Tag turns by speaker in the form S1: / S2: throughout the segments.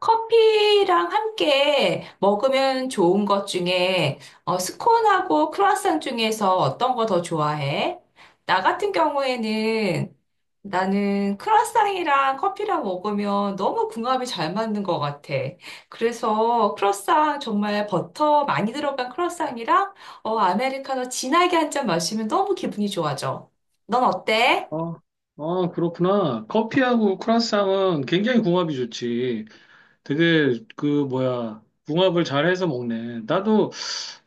S1: 커피랑 함께 먹으면 좋은 것 중에 어, 스콘하고 크루아상 중에서 어떤 거 더 좋아해? 나 같은 경우에는 나는 크루아상이랑 커피랑 먹으면 너무 궁합이 잘 맞는 것 같아. 그래서 크루아상 정말 버터 많이 들어간 크루아상이랑 어, 아메리카노 진하게 한 잔 마시면 너무 기분이 좋아져. 넌 어때?
S2: 아, 아, 그렇구나. 커피하고 크라상은 굉장히 궁합이 좋지. 되게 그 뭐야 궁합을 잘해서 먹네. 나도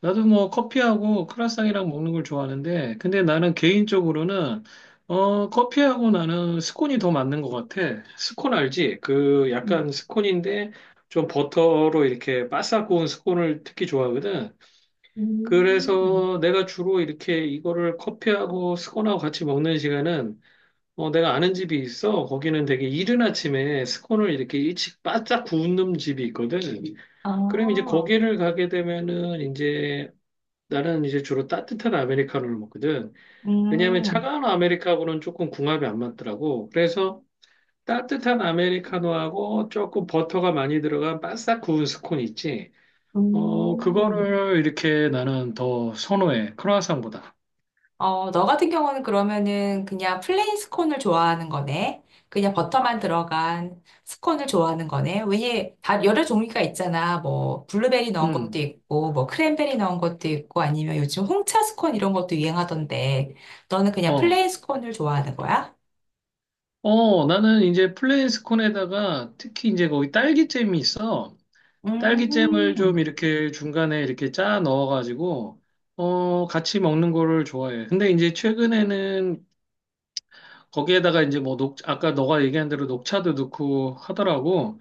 S2: 나도 뭐 커피하고 크라상이랑 먹는 걸 좋아하는데, 근데 나는 개인적으로는 커피하고 나는 스콘이 더 맞는 것 같아. 스콘 알지? 그
S1: 음.
S2: 약간 스콘인데 좀 버터로 이렇게 바싹 구운 스콘을 특히 좋아하거든.
S1: 음,
S2: 그래서 내가 주로 이렇게 이거를 커피하고 스콘하고 같이 먹는 시간은 내가 아는 집이 있어. 거기는 되게 이른 아침에 스콘을 이렇게 일찍 바짝 구운 집이 있거든. 그럼 이제
S1: 아,
S2: 거기를 가게 되면은 이제 나는 이제 주로 따뜻한 아메리카노를 먹거든. 왜냐하면
S1: 음,
S2: 차가운 아메리카노는 조금 궁합이 안 맞더라고. 그래서 따뜻한 아메리카노하고 조금 버터가 많이 들어간 바싹 구운 스콘 있지.
S1: 음.
S2: 그거를 이렇게 나는 더 선호해. 크루아상보다.
S1: 어, 너 같은 경우는 그러면은 그냥 플레인 스콘을 좋아하는 거네. 그냥 버터만 들어간 스콘을 좋아하는 거네. 왜냐, 다 여러 종류가 있잖아. 뭐, 블루베리 넣은 것도
S2: 음.
S1: 있고, 뭐, 크랜베리 넣은 것도 있고, 아니면 요즘 홍차 스콘 이런 것도 유행하던데, 너는 그냥
S2: 어,
S1: 플레인 스콘을 좋아하는 거야?
S2: 나는 이제 플레인스콘에다가 특히 이제 거기 딸기잼이 있어. 딸기잼을 좀
S1: 음,
S2: 이렇게 중간에 이렇게 짜 넣어가지고, 같이 먹는 거를 좋아해. 근데 이제 최근에는 거기에다가 이제 뭐 녹, 아까 너가 얘기한 대로 녹차도 넣고 하더라고.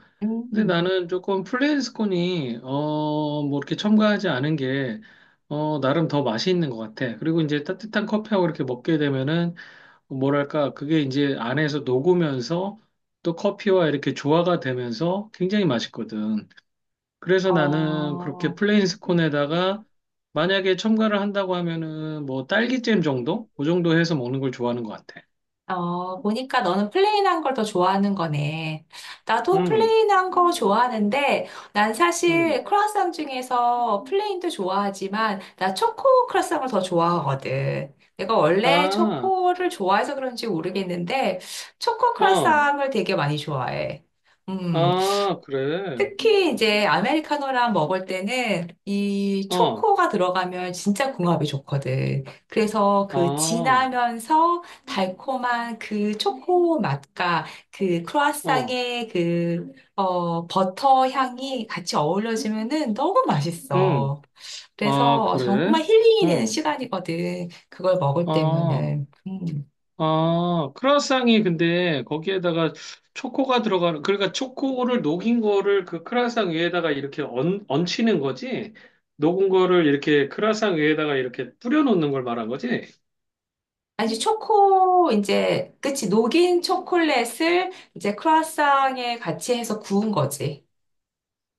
S2: 근데
S1: 음,
S2: 나는 조금 플레인스콘이, 뭐 이렇게 첨가하지 않은 게, 나름 더 맛이 있는 것 같아. 그리고 이제 따뜻한 커피하고 이렇게 먹게 되면은 뭐랄까, 그게 이제 안에서 녹으면서 또 커피와 이렇게 조화가 되면서 굉장히 맛있거든. 그래서 나는 그렇게
S1: 어,
S2: 플레인스콘에다가 만약에 첨가를 한다고 하면은 뭐 딸기잼 정도? 그 정도 해서 먹는 걸 좋아하는 것 같아.
S1: 어, 보니까 너는 플레인한 걸 더 좋아하는 거네. 나도
S2: 음,
S1: 플레인한 거 좋아하는데, 난
S2: 음.
S1: 사실 크루아상 중에서 플레인도 좋아하지만, 나 초코 크루아상을 더 좋아하거든. 내가 원래
S2: 아,
S1: 초코를 좋아해서 그런지 모르겠는데, 초코
S2: 어,
S1: 크루아상을 되게 많이 좋아해. 음,
S2: 아, 그래.
S1: 특히 이제 아메리카노랑 먹을 때는 이
S2: 어,
S1: 초코가 들어가면 진짜 궁합이 좋거든. 그래서 그
S2: 아,
S1: 진하면서 달콤한 그 초코 맛과 그
S2: 어,
S1: 크루아상의 그, 어, 버터 향이 같이 어우러지면은 너무
S2: 음.
S1: 맛있어.
S2: 아,
S1: 그래서
S2: 그래?
S1: 정말 힐링이 되는
S2: 어,
S1: 시간이거든. 그걸 먹을
S2: 아.
S1: 때면은. 음.
S2: 아, 크루아상이 근데 거기에다가 초코가 들어가는, 그러니까 초코를 녹인 거를 그 크루아상 위에다가 이렇게 얹, 얹히는 거지? 녹은 거를 이렇게 크루아상 위에다가 이렇게 뿌려놓는 걸 말한 거지?
S1: 아니, 초코, 이제, 그치, 녹인 초콜릿을 이제 크루아상에 같이 해서 구운 거지.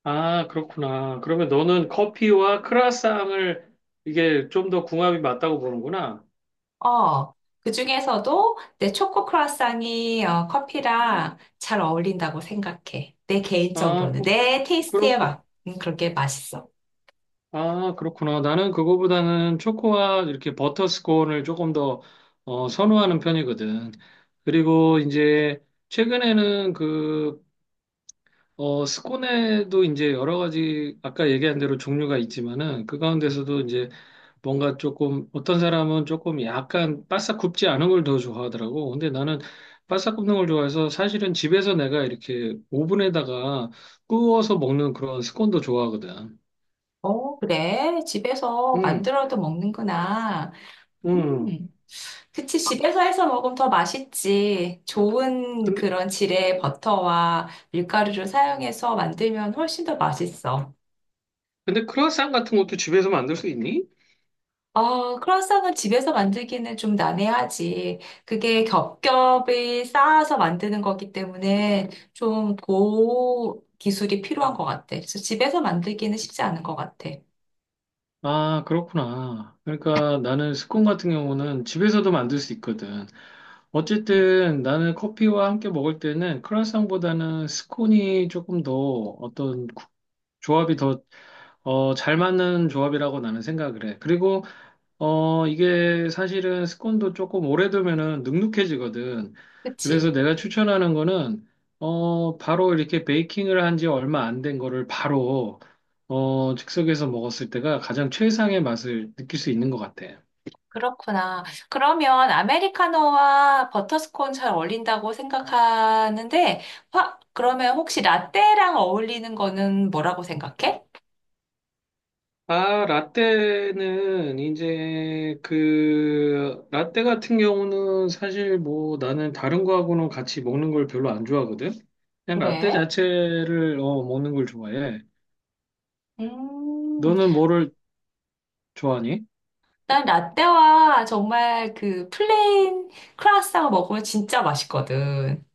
S2: 아, 그렇구나. 그러면 너는 커피와 크루아상을 이게 좀 더 궁합이 맞다고 보는구나.
S1: 어, 그 중에서도 내 초코 크루아상이 어, 커피랑 잘 어울린다고 생각해. 내
S2: 아,
S1: 개인적으로는.
S2: 그렇,
S1: 내
S2: 그렇,
S1: 테이스트에 맞, 그렇게 맛있어.
S2: 아, 그렇구나. 나는 그거보다는 초코와 이렇게 버터 스콘을 조금 더 선호하는 편이거든. 그리고 이제 최근에는 그 스콘에도 이제 여러 가지 아까 얘기한 대로 종류가 있지만은 그 가운데서도 이제 뭔가 조금 어떤 사람은 조금 약간 바싹 굽지 않은 걸 더 좋아하더라고. 근데 나는 바싹 굽는 걸 좋아해서 사실은 집에서 내가 이렇게 오븐에다가 구워서 먹는 그런 스콘도 좋아하거든.
S1: 어, 그래. 집에서
S2: 음,
S1: 만들어도 먹는구나.
S2: 음.
S1: 음. 그치, 집에서 해서 먹으면 더 맛있지. 좋은
S2: 근데
S1: 그런 질의 버터와 밀가루를 사용해서 만들면 훨씬 더 맛있어.
S2: 근데 크루아상 같은 것도 집에서 만들 수 있니?
S1: 어, 크루아상은 집에서 만들기는 좀 난해하지. 그게 겹겹이 쌓아서 만드는 거기 때문에 좀 고 기술이 필요한 것 같아. 그래서 집에서 만들기는 쉽지 않은 것 같아.
S2: 아, 그렇구나. 그러니까 나는 스콘 같은 경우는 집에서도 만들 수 있거든.
S1: 음.
S2: 어쨌든 나는 커피와 함께 먹을 때는 크루아상보다는 스콘이 조금 더 어떤 조합이 더, 잘 맞는 조합이라고 나는 생각을 해. 그리고 이게 사실은 스콘도 조금 오래 두면은 눅눅해지거든. 그래서
S1: 그치?
S2: 내가 추천하는 거는, 바로 이렇게 베이킹을 한 지 얼마 안 된 거를 바로, 즉석에서 먹었을 때가 가장 최상의 맛을 느낄 수 있는 것 같아.
S1: 그렇구나. 그러면 아메리카노와 버터스콘 잘 어울린다고 생각하는데, 화, 그러면 혹시 라떼랑 어울리는 거는 뭐라고 생각해?
S2: 아, 라떼는 이제 그 라떼 같은 경우는 사실 뭐 나는 다른 거하고는 같이 먹는 걸 별로 안 좋아하거든. 그냥 라떼
S1: 그래?
S2: 자체를 먹는 걸 좋아해.
S1: 음,
S2: 너는 뭐를 좋아하니?
S1: 난 라떼와 정말 그 플레인 크루아상을 먹으면 진짜 맛있거든.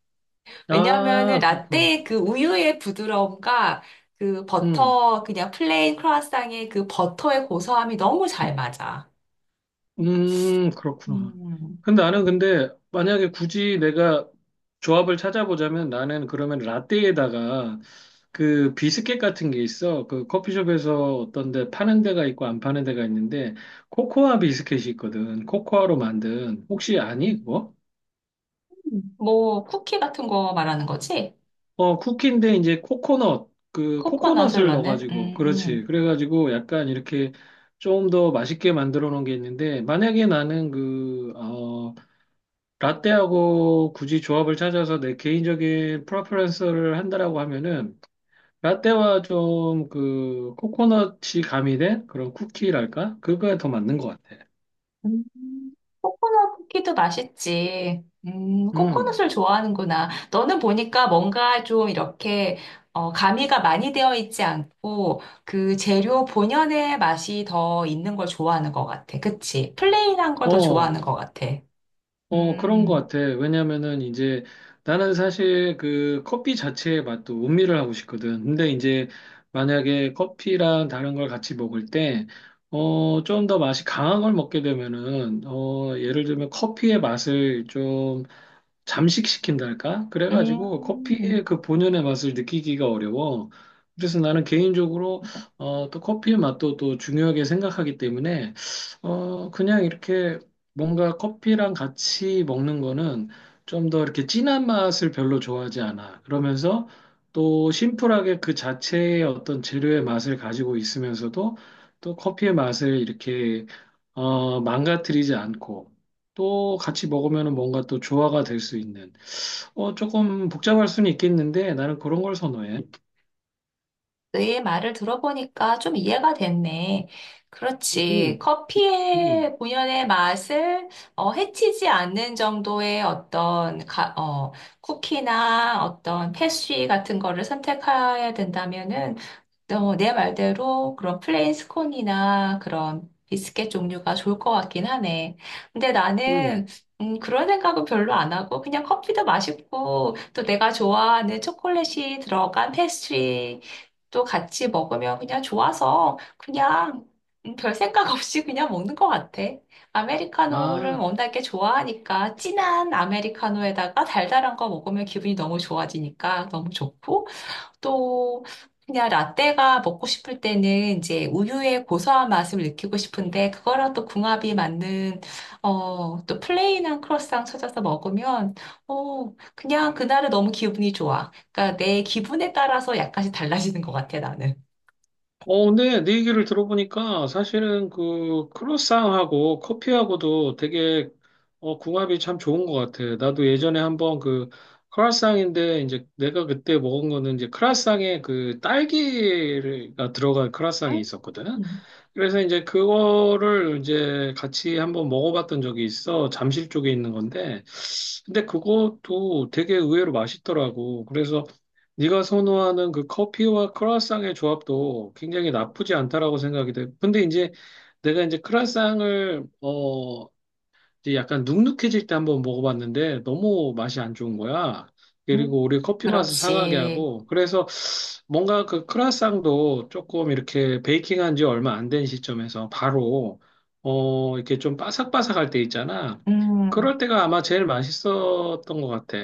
S1: 왜냐하면은
S2: 아, 그렇구나.
S1: 라떼의 그 우유의 부드러움과 그
S2: 음,
S1: 버터, 그냥 플레인 크루아상의 그 버터의 고소함이 너무 잘 맞아.
S2: 그렇구나.
S1: 음.
S2: 근데 나는 근데 만약에 굳이 내가 조합을 찾아보자면 나는 그러면 라떼에다가 그 비스켓 같은 게 있어. 그 커피숍에서 어떤 데 파는 데가 있고 안 파는 데가 있는데 코코아 비스켓이 있거든. 코코아로 만든. 혹시 아니, 그거?
S1: 뭐, 쿠키 같은 거 말하는 거지?
S2: 어, 쿠키인데 이제 코코넛, 그
S1: 코코넛을
S2: 코코넛을
S1: 넣는?
S2: 넣어가지고, 그렇지. 그래가지고 약간 이렇게 좀 더 맛있게 만들어 놓은 게 있는데, 만약에 나는 라떼하고 굳이 조합을 찾아서 내 개인적인 프레퍼런스를 한다라고 하면은, 라떼와 좀 그 코코넛이 가미된 그런 쿠키랄까? 그거에 더 맞는 것 같아.
S1: 음. 코코넛 쿠키도 맛있지.
S2: 음.
S1: 코코넛을 좋아하는구나. 너는 보니까 뭔가 좀 이렇게, 어, 가미가 많이 되어 있지 않고, 그 재료 본연의 맛이 더 있는 걸 좋아하는 것 같아. 그치? 플레인한 걸 더
S2: 어,
S1: 좋아하는 것 같아.
S2: 그런 것
S1: 음,
S2: 같아. 왜냐면은 이제 나는 사실 그 커피 자체의 맛도 음미를 하고 싶거든. 근데 이제 만약에 커피랑 다른 걸 같이 먹을 때, 좀 더 맛이 강한 걸 먹게 되면은, 예를 들면 커피의 맛을 좀 잠식시킨달까? 그래가지고
S1: 음.
S2: 커피의 그 본연의 맛을 느끼기가 어려워. 그래서 나는 개인적으로 또 커피의 맛도 또 중요하게 생각하기 때문에 그냥 이렇게 뭔가 커피랑 같이 먹는 거는 좀 더 이렇게 진한 맛을 별로 좋아하지 않아. 그러면서 또 심플하게 그 자체의 어떤 재료의 맛을 가지고 있으면서도 또 커피의 맛을 이렇게 망가뜨리지 않고 또 같이 먹으면 뭔가 또 조화가 될 수 있는. 조금 복잡할 수는 있겠는데 나는 그런 걸 선호해.
S1: 너의 말을 들어보니까 좀 이해가 됐네. 그렇지.
S2: 음, 음,
S1: 커피의 본연의 맛을 어, 해치지 않는 정도의 어떤 어, 쿠키나 어떤 패스트리 같은 거를 선택해야 된다면은 어, 내 말대로 그런 플레인 스콘이나 그런 비스켓 종류가 좋을 것 같긴 하네. 근데
S2: 음.
S1: 나는 그런 생각은 별로 안 하고 그냥 커피도 맛있고 또 내가 좋아하는 초콜릿이 들어간 패스트리 또 같이 먹으면 그냥 좋아서 그냥 별 생각 없이 그냥 먹는 것 같아. 아메리카노를
S2: 아,
S1: 워낙에 좋아하니까 진한 아메리카노에다가 달달한 거 먹으면 기분이 너무 좋아지니까 너무 좋고 또 그냥 라떼가 먹고 싶을 때는 이제 우유의 고소한 맛을 느끼고 싶은데 그거랑 또 궁합이 맞는 어, 또 플레인한 크로상 찾아서 먹으면 어, 그냥 그날은 너무 기분이 좋아. 그러니까 내 기분에 따라서 약간씩 달라지는 것 같아, 나는.
S2: 어, 근데 네 얘기를 들어보니까 사실은 그 크로스상하고 커피하고도 되게 궁합이 참 좋은 것 같아. 나도 예전에 한번 그 크라상인데 이제 내가 그때 먹은 거는 이제 크라상에 그 딸기가 들어간 크라상이 있었거든.
S1: 음,
S2: 그래서 이제 그거를 이제 같이 한번 먹어봤던 적이 있어. 잠실 쪽에 있는 건데. 근데 그것도 되게 의외로 맛있더라고. 그래서 네가 선호하는 그 커피와 크루아상의 조합도 굉장히 나쁘지 않다라고 생각이 돼. 근데 이제 내가 이제 크루아상을 이제 약간 눅눅해질 때 한번 먹어봤는데 너무 맛이 안 좋은 거야.
S1: 음.
S2: 그리고 우리 커피 맛을 상하게
S1: 그렇지.
S2: 하고 그래서 뭔가 그 크라상도 조금 이렇게 베이킹한 지 얼마 안 된 시점에서 바로 이렇게 좀 바삭바삭할 때 있잖아.
S1: 음.
S2: 그럴 때가 아마 제일 맛있었던 것 같아.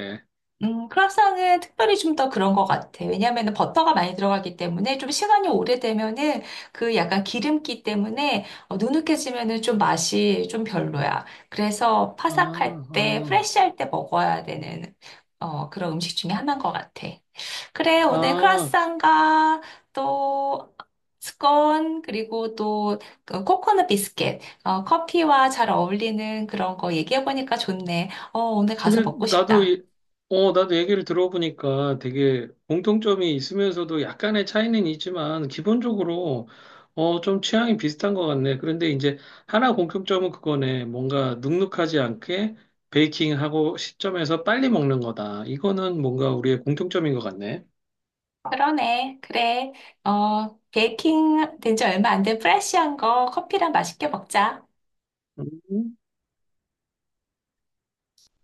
S1: 크라상은 특별히 좀 더 그런 것 같아. 왜냐하면 버터가 많이 들어가기 때문에 좀 시간이 오래되면은 그 약간 기름기 때문에 어, 누눅해지면은 좀 맛이 좀 별로야. 그래서
S2: 아,
S1: 파삭할 때,
S2: 아,
S1: 프레쉬할 때 먹어야 되는 어, 그런 음식 중에 하나인 것 같아. 그래, 오늘
S2: 아.
S1: 크라상과 또 스콘 그리고 또그 코코넛 비스켓, 어, 커피와 잘 어울리는 그런 거 얘기해보니까 좋네. 어, 오늘 가서 먹고
S2: 근데 나도,
S1: 싶다.
S2: 어, 나도 얘기를 들어보니까 되게 공통점이 있으면서도 약간의 차이는 있지만, 기본적으로, 좀 취향이 비슷한 것 같네. 그런데 이제 하나 공통점은 그거네. 뭔가 눅눅하지 않게 베이킹하고 시점에서 빨리 먹는 거다. 이거는 뭔가 우리의 공통점인 것 같네.
S1: 그러네. 그래. 어, 베이킹 된지 얼마 안 된 프레쉬한 거 커피랑 맛있게 먹자.
S2: 음.